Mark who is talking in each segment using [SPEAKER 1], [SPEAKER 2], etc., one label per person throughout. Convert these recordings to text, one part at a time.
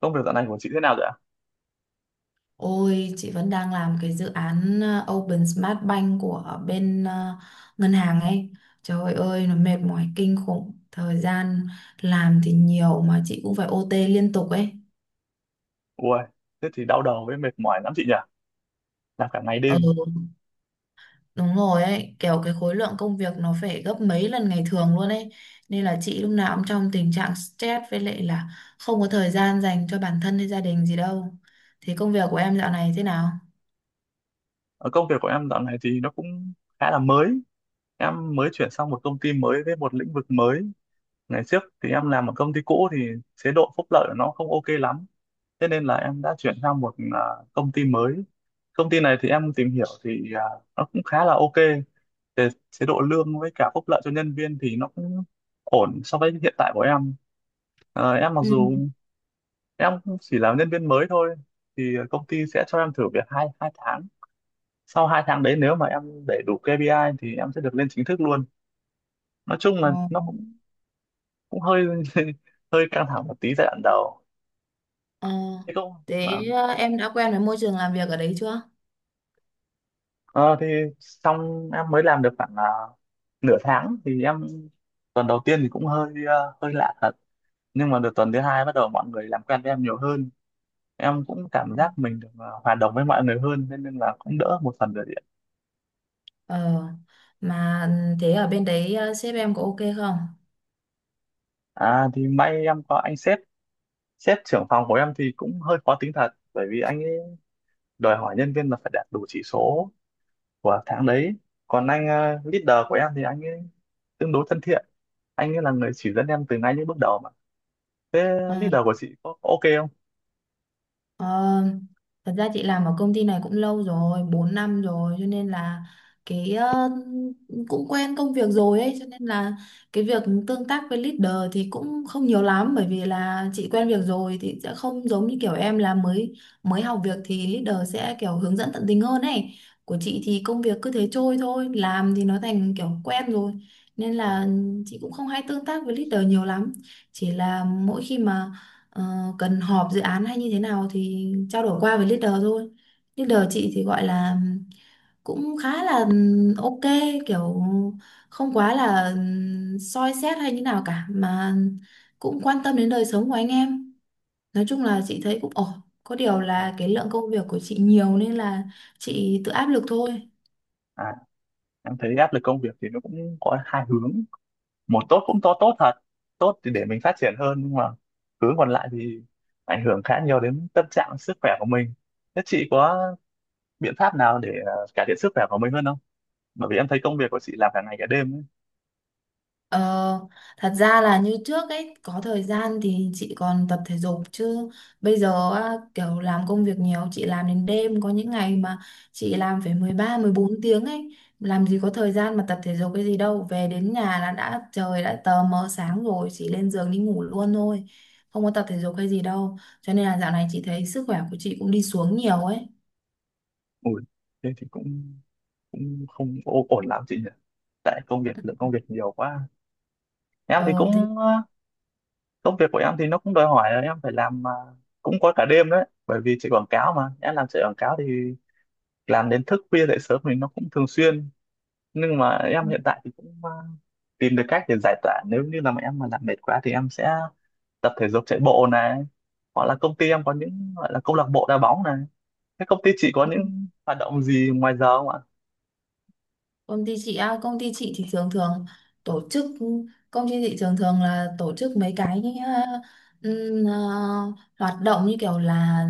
[SPEAKER 1] Công việc dạo này của chị thế nào rồi ạ?
[SPEAKER 2] Ôi, chị vẫn đang làm cái dự án Open Smart Bank của bên ngân hàng ấy. Trời ơi, nó mệt mỏi kinh khủng. Thời gian làm thì nhiều mà chị cũng phải OT liên tục ấy.
[SPEAKER 1] Ui, thế thì đau đầu với mệt mỏi lắm chị nhỉ? Làm cả ngày
[SPEAKER 2] Ừ,
[SPEAKER 1] đêm.
[SPEAKER 2] đúng rồi ấy. Kiểu cái khối lượng công việc nó phải gấp mấy lần ngày thường luôn ấy. Nên là chị lúc nào cũng trong tình trạng stress với lại là không có thời gian dành cho bản thân hay gia đình gì đâu. Thì công việc của em dạo này thế nào?
[SPEAKER 1] Công việc của em dạo này thì nó cũng khá là mới. Em mới chuyển sang một công ty mới với một lĩnh vực mới. Ngày trước thì em làm ở công ty cũ thì chế độ phúc lợi của nó không ok lắm. Thế nên là em đã chuyển sang một công ty mới. Công ty này thì em tìm hiểu thì nó cũng khá là ok về chế độ lương với cả phúc lợi cho nhân viên, thì nó cũng ổn so với hiện tại của em. Em mặc
[SPEAKER 2] Ừ.
[SPEAKER 1] dù em chỉ làm nhân viên mới thôi, thì công ty sẽ cho em thử việc hai hai tháng. Sau hai tháng đấy nếu mà em để đủ KPI thì em sẽ được lên chính thức luôn. Nói chung là nó
[SPEAKER 2] Ừ.
[SPEAKER 1] cũng cũng hơi hơi căng thẳng một tí giai đoạn đầu,
[SPEAKER 2] Ờ,
[SPEAKER 1] thế cũng
[SPEAKER 2] thế
[SPEAKER 1] vâng.
[SPEAKER 2] em đã quen với môi trường làm việc ở đấy chưa?
[SPEAKER 1] Ờ, thì xong em mới làm được khoảng nửa tháng thì em, tuần đầu tiên thì cũng hơi hơi lạ thật, nhưng mà được tuần thứ hai bắt đầu mọi người làm quen với em nhiều hơn, em cũng cảm giác mình được hòa đồng với mọi người hơn nên, nên là cũng đỡ một phần rồi đấy ạ.
[SPEAKER 2] Ờ, mà thế ở bên đấy sếp em có ok không?
[SPEAKER 1] À thì may em có anh sếp, sếp trưởng phòng của em thì cũng hơi khó tính thật, bởi vì anh ấy đòi hỏi nhân viên là phải đạt đủ chỉ số của tháng đấy. Còn anh leader của em thì anh ấy tương đối thân thiện, anh ấy là người chỉ dẫn em từ ngay những bước đầu mà. Thế
[SPEAKER 2] Ờ,
[SPEAKER 1] leader của chị có ok không?
[SPEAKER 2] Ờ, thật ra chị làm ở công ty này cũng lâu rồi, 4 năm rồi, cho nên là cái cũng quen công việc rồi ấy, cho nên là cái việc tương tác với leader thì cũng không nhiều lắm, bởi vì là chị quen việc rồi thì sẽ không giống như kiểu em là mới mới học việc thì leader sẽ kiểu hướng dẫn tận tình hơn ấy. Của chị thì công việc cứ thế trôi thôi, làm thì nó thành kiểu quen rồi nên
[SPEAKER 1] à,
[SPEAKER 2] là chị cũng không hay tương tác với leader nhiều lắm. Chỉ là mỗi khi mà Ờ, cần họp dự án hay như thế nào thì trao đổi qua với leader thôi. Leader chị thì gọi là cũng khá là ok, kiểu không quá là soi xét hay như nào cả, mà cũng quan tâm đến đời sống của anh em. Nói chung là chị thấy cũng ổn. Có điều
[SPEAKER 1] à,
[SPEAKER 2] là cái lượng công việc của chị nhiều nên là chị tự áp lực thôi.
[SPEAKER 1] à, em thấy áp lực công việc thì nó cũng có hai hướng. Một tốt cũng tốt thật, tốt thì để mình phát triển hơn, nhưng mà hướng còn lại thì ảnh hưởng khá nhiều đến tâm trạng sức khỏe của mình. Thế chị có biện pháp nào để cải thiện sức khỏe của mình hơn không? Bởi vì em thấy công việc của chị làm cả ngày cả đêm ấy.
[SPEAKER 2] Ờ, thật ra là như trước ấy có thời gian thì chị còn tập thể dục, chứ bây giờ á, kiểu làm công việc nhiều, chị làm đến đêm, có những ngày mà chị làm phải 13 14 tiếng ấy, làm gì có thời gian mà tập thể dục cái gì đâu. Về đến nhà là đã trời đã tờ mờ sáng rồi, chỉ lên giường đi ngủ luôn thôi, không có tập thể dục hay gì đâu, cho nên là dạo này chị thấy sức khỏe của chị cũng đi xuống nhiều ấy.
[SPEAKER 1] Ui, thế thì cũng cũng không ổn lắm chị nhỉ, tại công việc, lượng công việc nhiều quá. Em thì
[SPEAKER 2] ờ
[SPEAKER 1] cũng công việc của em thì nó cũng đòi hỏi là em phải làm cũng có cả đêm đấy, bởi vì chạy quảng cáo mà, em làm chạy quảng cáo thì làm đến thức khuya dậy sớm thì nó cũng thường xuyên. Nhưng mà em hiện tại thì cũng tìm được cách để giải tỏa. Nếu như là mà em mà làm mệt quá thì em sẽ tập thể dục, chạy bộ này, hoặc là công ty em có những gọi là câu lạc bộ đá bóng này. Thế công ty chị có
[SPEAKER 2] Thế
[SPEAKER 1] những hoạt động gì ngoài giờ không ạ?
[SPEAKER 2] công ty chị á, công ty chị thì thường thường tổ chức, công ty chị thường thường là tổ chức mấy cái ừm, ờ, hoạt động như kiểu là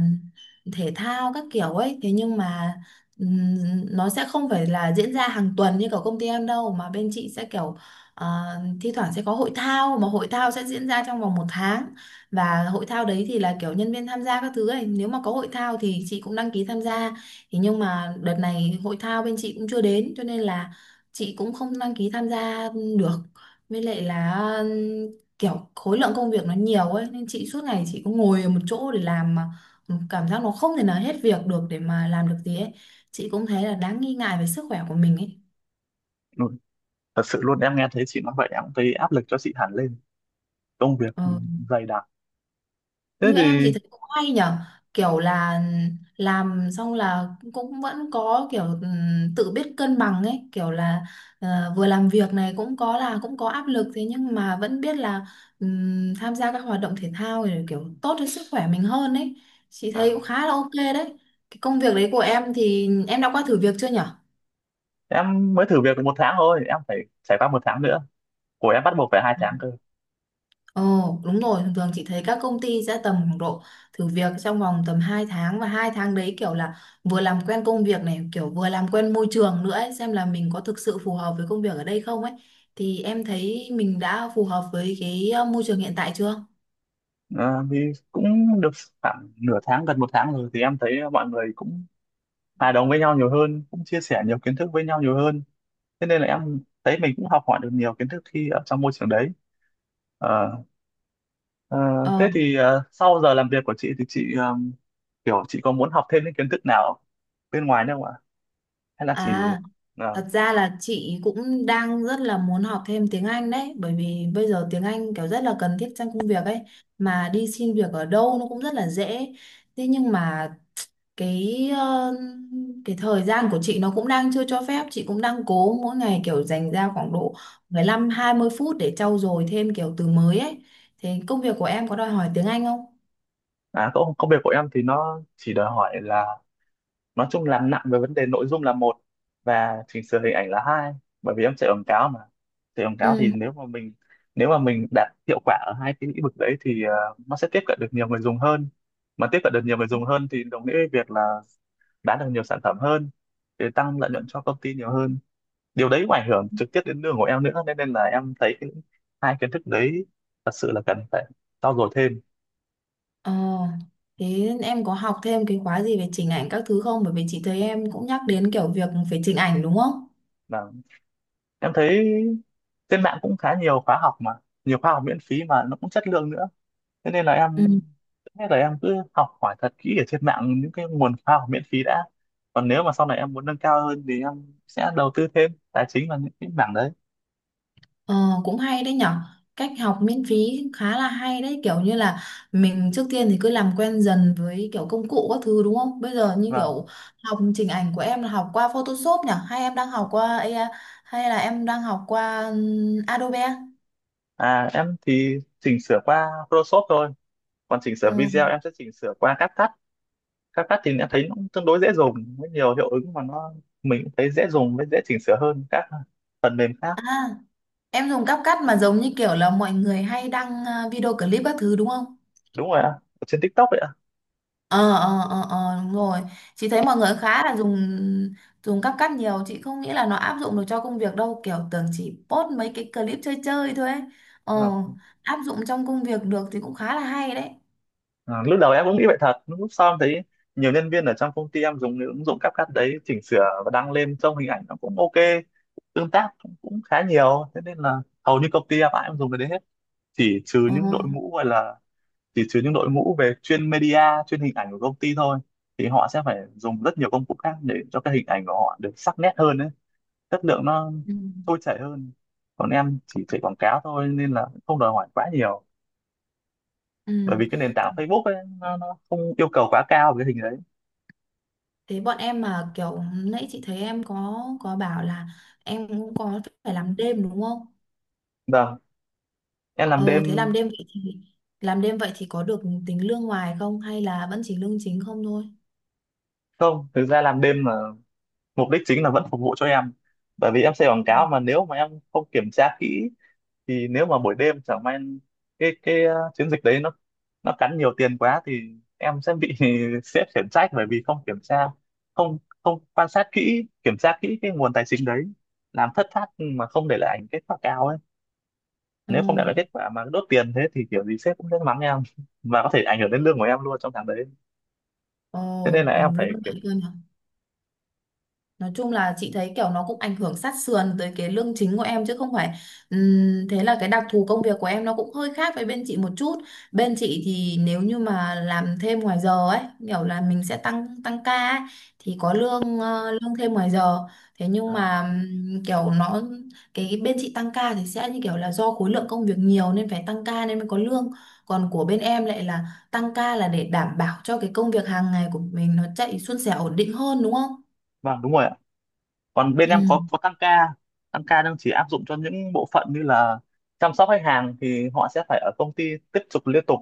[SPEAKER 2] thể thao các kiểu ấy, thế nhưng mà ừm, nó sẽ không phải là diễn ra hàng tuần như kiểu công ty em đâu, mà bên chị sẽ kiểu ờ, thi thoảng sẽ có hội thao, mà hội thao sẽ diễn ra trong vòng 1 tháng, và hội thao đấy thì là kiểu nhân viên tham gia các thứ ấy, nếu mà có hội thao thì chị cũng đăng ký tham gia. Thế nhưng mà đợt này hội thao bên chị cũng chưa đến cho nên là chị cũng không đăng ký tham gia được, với lại là ừm, kiểu khối lượng công việc nó nhiều ấy, nên chị suốt ngày chị cũng ngồi ở một chỗ để làm mà cảm giác nó không thể nào hết việc được để mà làm được gì ấy, chị cũng thấy là đáng nghi ngại về sức khỏe của mình ấy.
[SPEAKER 1] Ừ, thật sự luôn, em nghe thấy chị nói vậy em cũng thấy áp lực cho chị hẳn lên, công việc
[SPEAKER 2] Ờ,
[SPEAKER 1] dày đặc. Thế
[SPEAKER 2] như em thì
[SPEAKER 1] thì
[SPEAKER 2] thấy cũng hay nhở, kiểu là làm xong là cũng vẫn có kiểu tự biết cân bằng ấy, kiểu là vừa làm việc này cũng có là cũng có áp lực, thế nhưng mà vẫn biết là tham gia các hoạt động thể thao thì kiểu tốt cho sức khỏe mình hơn ấy, chị
[SPEAKER 1] à,
[SPEAKER 2] thấy cũng khá là ok đấy. Cái công việc đấy của em thì em đã qua thử việc chưa nhở?
[SPEAKER 1] em mới thử việc được một tháng thôi, em phải trải qua một tháng nữa, của em bắt buộc phải hai tháng cơ.
[SPEAKER 2] Ồ, đúng rồi, thường thường chị thấy các công ty sẽ tầm khoảng độ thử việc trong vòng tầm 2 tháng, và 2 tháng đấy kiểu là vừa làm quen công việc này, kiểu vừa làm quen môi trường nữa ấy, xem là mình có thực sự phù hợp với công việc ở đây không ấy. Thì em thấy mình đã phù hợp với cái môi trường hiện tại chưa?
[SPEAKER 1] À, thì cũng được khoảng nửa tháng gần một tháng rồi thì em thấy mọi người cũng hòa đồng với nhau nhiều hơn, cũng chia sẻ nhiều kiến thức với nhau nhiều hơn. Thế nên là em thấy mình cũng học hỏi được nhiều kiến thức khi ở trong môi trường đấy. Ờ, ờ, Thế
[SPEAKER 2] Ờ,
[SPEAKER 1] thì sau giờ làm việc của chị thì chị kiểu chị có muốn học thêm những kiến thức nào bên ngoài nữa không ạ? Hay là chỉ
[SPEAKER 2] à,
[SPEAKER 1] ờ,
[SPEAKER 2] thật ra là chị cũng đang rất là muốn học thêm tiếng Anh đấy, bởi vì bây giờ tiếng Anh kiểu rất là cần thiết trong công việc ấy, mà đi xin việc ở đâu nó cũng rất là dễ. Thế nhưng mà cái cái thời gian của chị nó cũng đang chưa cho phép, chị cũng đang cố mỗi ngày kiểu dành ra khoảng độ 15 20 phút để trau dồi thêm kiểu từ mới ấy. Thế công việc của em có đòi hỏi tiếng Anh không?
[SPEAKER 1] à, công việc của em thì nó chỉ đòi hỏi là, nói chung làm nặng về vấn đề nội dung là một, và chỉnh sửa hình ảnh là hai, bởi vì em chạy quảng cáo mà. Chạy quảng cáo thì
[SPEAKER 2] Ừ.
[SPEAKER 1] nếu mà mình, nếu mà mình đạt hiệu quả ở hai cái lĩnh vực đấy thì nó sẽ tiếp cận được nhiều người dùng hơn, mà tiếp cận được nhiều người dùng hơn thì đồng nghĩa với việc là bán được nhiều sản phẩm hơn, để tăng lợi nhuận cho công ty nhiều hơn. Điều đấy cũng ảnh hưởng trực tiếp đến đường của em nữa, nên, nên là em thấy cái hai kiến thức đấy thật sự là cần phải trau dồi thêm.
[SPEAKER 2] ờ Thế em có học thêm cái khóa gì về chỉnh ảnh các thứ không, bởi vì chị thấy em cũng nhắc đến kiểu việc về chỉnh ảnh đúng không?
[SPEAKER 1] Và em thấy trên mạng cũng khá nhiều khóa học mà, nhiều khóa học miễn phí mà nó cũng chất lượng nữa. Thế nên là thế là em cứ học hỏi thật kỹ ở trên mạng những cái nguồn khóa học miễn phí đã, còn nếu mà sau này em muốn nâng cao hơn thì em sẽ đầu tư thêm tài chính vào những cái mảng đấy.
[SPEAKER 2] Ờ, cũng hay đấy nhở, cách học miễn phí khá là hay đấy, kiểu như là mình trước tiên thì cứ làm quen dần với kiểu công cụ các thứ đúng không, bây giờ như
[SPEAKER 1] Vâng.
[SPEAKER 2] kiểu học chỉnh ảnh của em là học qua Photoshop nhở, hay em đang học qua AI, hay là em đang học qua Adobe?
[SPEAKER 1] À em thì chỉnh sửa qua Photoshop thôi, còn chỉnh sửa video
[SPEAKER 2] Ừ.
[SPEAKER 1] em sẽ chỉnh sửa qua CapCut. CapCut thì đã thấy nó cũng tương đối dễ dùng với nhiều hiệu ứng mà nó, mình cũng thấy dễ dùng với dễ chỉnh sửa hơn các phần mềm khác.
[SPEAKER 2] À, em dùng CapCut mà giống như kiểu là mọi người hay đăng video clip các thứ đúng không?
[SPEAKER 1] Đúng rồi ạ, ở trên TikTok vậy ạ.
[SPEAKER 2] Ờ ờ ờ ờ, đúng rồi, chị thấy mọi người khá là dùng dùng cắp cắt nhiều, chị không nghĩ là nó áp dụng được cho công việc đâu, kiểu tưởng chỉ post mấy cái clip chơi chơi thôi ấy. ờ
[SPEAKER 1] Ờ.
[SPEAKER 2] Áp dụng trong công việc được thì cũng khá là hay đấy.
[SPEAKER 1] Ờ, lúc đầu em cũng nghĩ vậy thật, nhưng lúc sau em thấy nhiều nhân viên ở trong công ty em dùng những ứng dụng CapCut đấy chỉnh sửa và đăng lên, trông hình ảnh nó cũng ok, tương tác cũng khá nhiều. Thế nên là hầu như công ty em ai cũng dùng cái đấy hết, chỉ trừ
[SPEAKER 2] ờ
[SPEAKER 1] những đội ngũ gọi là, chỉ trừ những đội ngũ về chuyên media, chuyên hình ảnh của công ty thôi, thì họ sẽ phải dùng rất nhiều công cụ khác để cho cái hình ảnh của họ được sắc nét hơn đấy, chất lượng nó
[SPEAKER 2] ừ.
[SPEAKER 1] trôi chảy hơn. Còn em chỉ chạy quảng cáo thôi nên là không đòi hỏi quá nhiều,
[SPEAKER 2] Ừ.
[SPEAKER 1] bởi vì cái nền tảng Facebook ấy nó không yêu cầu quá cao về cái hình đấy.
[SPEAKER 2] Thế bọn em mà kiểu nãy chị thấy em có bảo là em cũng có phải làm đêm đúng không?
[SPEAKER 1] Vâng, em làm đêm.
[SPEAKER 2] Ờ Thế làm đêm vậy thì làm đêm vậy thì có được tính lương ngoài không, hay là vẫn chỉ lương chính không thôi?
[SPEAKER 1] Không, thực ra làm đêm là mục đích chính là vẫn phục vụ cho em, bởi vì em xây quảng cáo mà, nếu mà em không kiểm tra kỹ thì nếu mà buổi đêm chẳng may cái chiến dịch đấy nó cắn nhiều tiền quá thì em sẽ bị sếp khiển trách, bởi vì không kiểm tra, không không quan sát kỹ, kiểm tra kỹ cái nguồn tài chính đấy, làm thất thoát mà không để lại kết quả cao ấy.
[SPEAKER 2] Ừ.
[SPEAKER 1] Nếu không để lại kết quả mà đốt tiền thế thì kiểu gì sếp cũng sẽ mắng em và có thể ảnh hưởng đến lương của em luôn trong tháng đấy.
[SPEAKER 2] Ồ,
[SPEAKER 1] Thế nên là em
[SPEAKER 2] lương
[SPEAKER 1] phải kiểm.
[SPEAKER 2] bạn cân. Nói chung là chị thấy kiểu nó cũng ảnh hưởng sát sườn tới cái lương chính của em chứ không phải thế là cái đặc thù công việc của em nó cũng hơi khác với bên chị một chút. Bên chị thì nếu như mà làm thêm ngoài giờ ấy, kiểu là mình sẽ tăng tăng ca ấy, thì có lương lương thêm ngoài giờ. Thế nhưng
[SPEAKER 1] À,
[SPEAKER 2] mà kiểu nó cái bên chị tăng ca thì sẽ như kiểu là do khối lượng công việc nhiều nên phải tăng ca nên mới có lương. Còn của bên em lại là tăng ca là để đảm bảo cho cái công việc hàng ngày của mình nó chạy suôn sẻ ổn định hơn đúng không?
[SPEAKER 1] vâng đúng rồi ạ, còn bên
[SPEAKER 2] Ừ.
[SPEAKER 1] em có tăng ca, tăng ca đang chỉ áp dụng cho những bộ phận như là chăm sóc khách hàng thì họ sẽ phải ở công ty tiếp tục liên tục,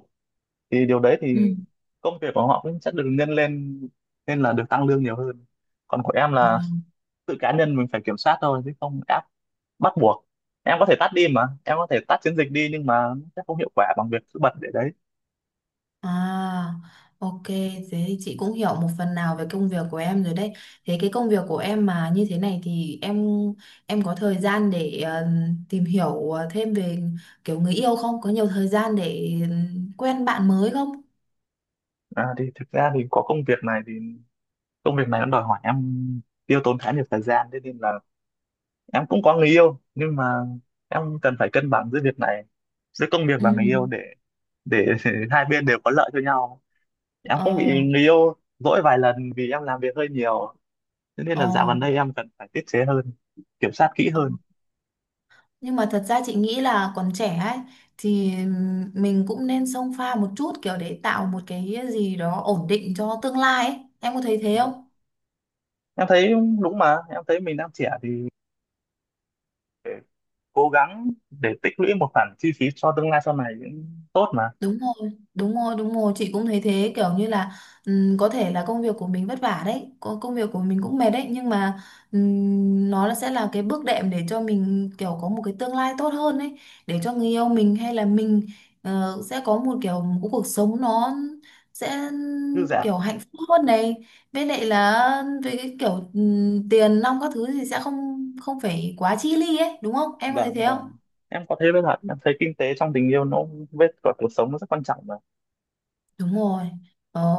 [SPEAKER 1] thì điều đấy
[SPEAKER 2] Ừ.
[SPEAKER 1] thì công việc của họ cũng sẽ được nhân lên nên là được tăng lương nhiều hơn. Còn của em
[SPEAKER 2] À,
[SPEAKER 1] là tự cá nhân mình phải kiểm soát thôi chứ không áp bắt buộc, em có thể tắt đi mà, em có thể tắt chiến dịch đi nhưng mà nó sẽ không hiệu quả bằng việc cứ bật để đấy.
[SPEAKER 2] à, ok, thế thì chị cũng hiểu một phần nào về công việc của em rồi đấy. Thế cái công việc của em mà như thế này thì em có thời gian để tìm hiểu thêm về kiểu người yêu không? Có nhiều thời gian để quen bạn mới không?
[SPEAKER 1] À, thì thực ra thì có công việc này thì, công việc này nó đòi hỏi em tiêu tốn khá nhiều thời gian, thế nên là em cũng có người yêu nhưng mà em cần phải cân bằng giữa việc này, giữa công việc
[SPEAKER 2] Ừ.
[SPEAKER 1] và người yêu để hai bên đều có lợi cho nhau. Em
[SPEAKER 2] Ờ,
[SPEAKER 1] cũng bị người yêu dỗi vài lần vì em làm việc hơi nhiều, thế nên
[SPEAKER 2] ờ.
[SPEAKER 1] là dạo gần đây em cần phải tiết chế hơn, kiểm soát kỹ
[SPEAKER 2] ờ.
[SPEAKER 1] hơn.
[SPEAKER 2] Nhưng mà thật ra chị nghĩ là còn trẻ ấy thì mình cũng nên xông pha một chút kiểu để tạo một cái gì đó ổn định cho tương lai ấy. Em có thấy thế
[SPEAKER 1] Vâng.
[SPEAKER 2] không?
[SPEAKER 1] Em thấy đúng mà, em thấy mình đang trẻ thì phải cố gắng để tích lũy một khoản chi phí cho tương lai sau này cũng tốt mà
[SPEAKER 2] Đúng rồi, đúng rồi, đúng rồi, chị cũng thấy thế kiểu như là có thể là công việc của mình vất vả đấy, có công việc của mình cũng mệt đấy, nhưng mà nó là sẽ là cái bước đệm để cho mình kiểu có một cái tương lai tốt hơn ấy, để cho người yêu mình hay là mình sẽ có một kiểu một cuộc sống nó sẽ
[SPEAKER 1] dư dả.
[SPEAKER 2] kiểu hạnh phúc hơn này. Với lại là về cái kiểu tiền nong các thứ thì sẽ không không phải quá chi ly ấy, đúng không? Em có thấy
[SPEAKER 1] Vâng
[SPEAKER 2] thế không?
[SPEAKER 1] vâng, em có thấy, với thật em thấy kinh tế trong tình yêu nó với cả cuộc sống nó rất quan trọng mà.
[SPEAKER 2] Đúng rồi. Ờ,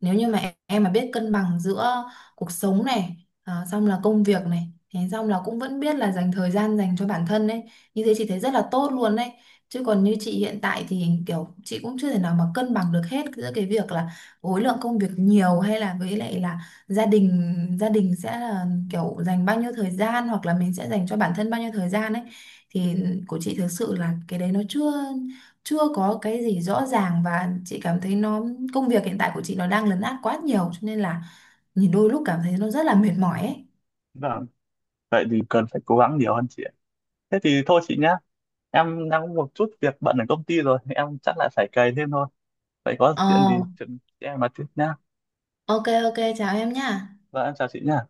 [SPEAKER 2] nếu như mà em mà biết cân bằng giữa cuộc sống này, à, xong là công việc này, thế xong là cũng vẫn biết là dành thời gian dành cho bản thân ấy, như thế chị thấy rất là tốt luôn đấy. Chứ còn như chị hiện tại thì kiểu chị cũng chưa thể nào mà cân bằng được hết giữa cái việc là khối lượng công việc nhiều, hay là với lại là gia đình sẽ là kiểu dành bao nhiêu thời gian, hoặc là mình sẽ dành cho bản thân bao nhiêu thời gian ấy, thì của chị thực sự là cái đấy nó chưa chưa có cái gì rõ ràng, và chị cảm thấy nó công việc hiện tại của chị nó đang lấn át quá nhiều cho nên là nhìn đôi lúc cảm thấy nó rất là mệt mỏi ấy.
[SPEAKER 1] Vâng, vậy thì cần phải cố gắng nhiều hơn chị ạ. Thế thì thôi chị nhá, em đang có một chút việc bận ở công ty rồi, em chắc là phải cày thêm thôi. Vậy có chuyện
[SPEAKER 2] Ờ,
[SPEAKER 1] gì chuyện em nói tiếp nhá.
[SPEAKER 2] ok ok, chào em nha.
[SPEAKER 1] Vâng em chào chị nhá.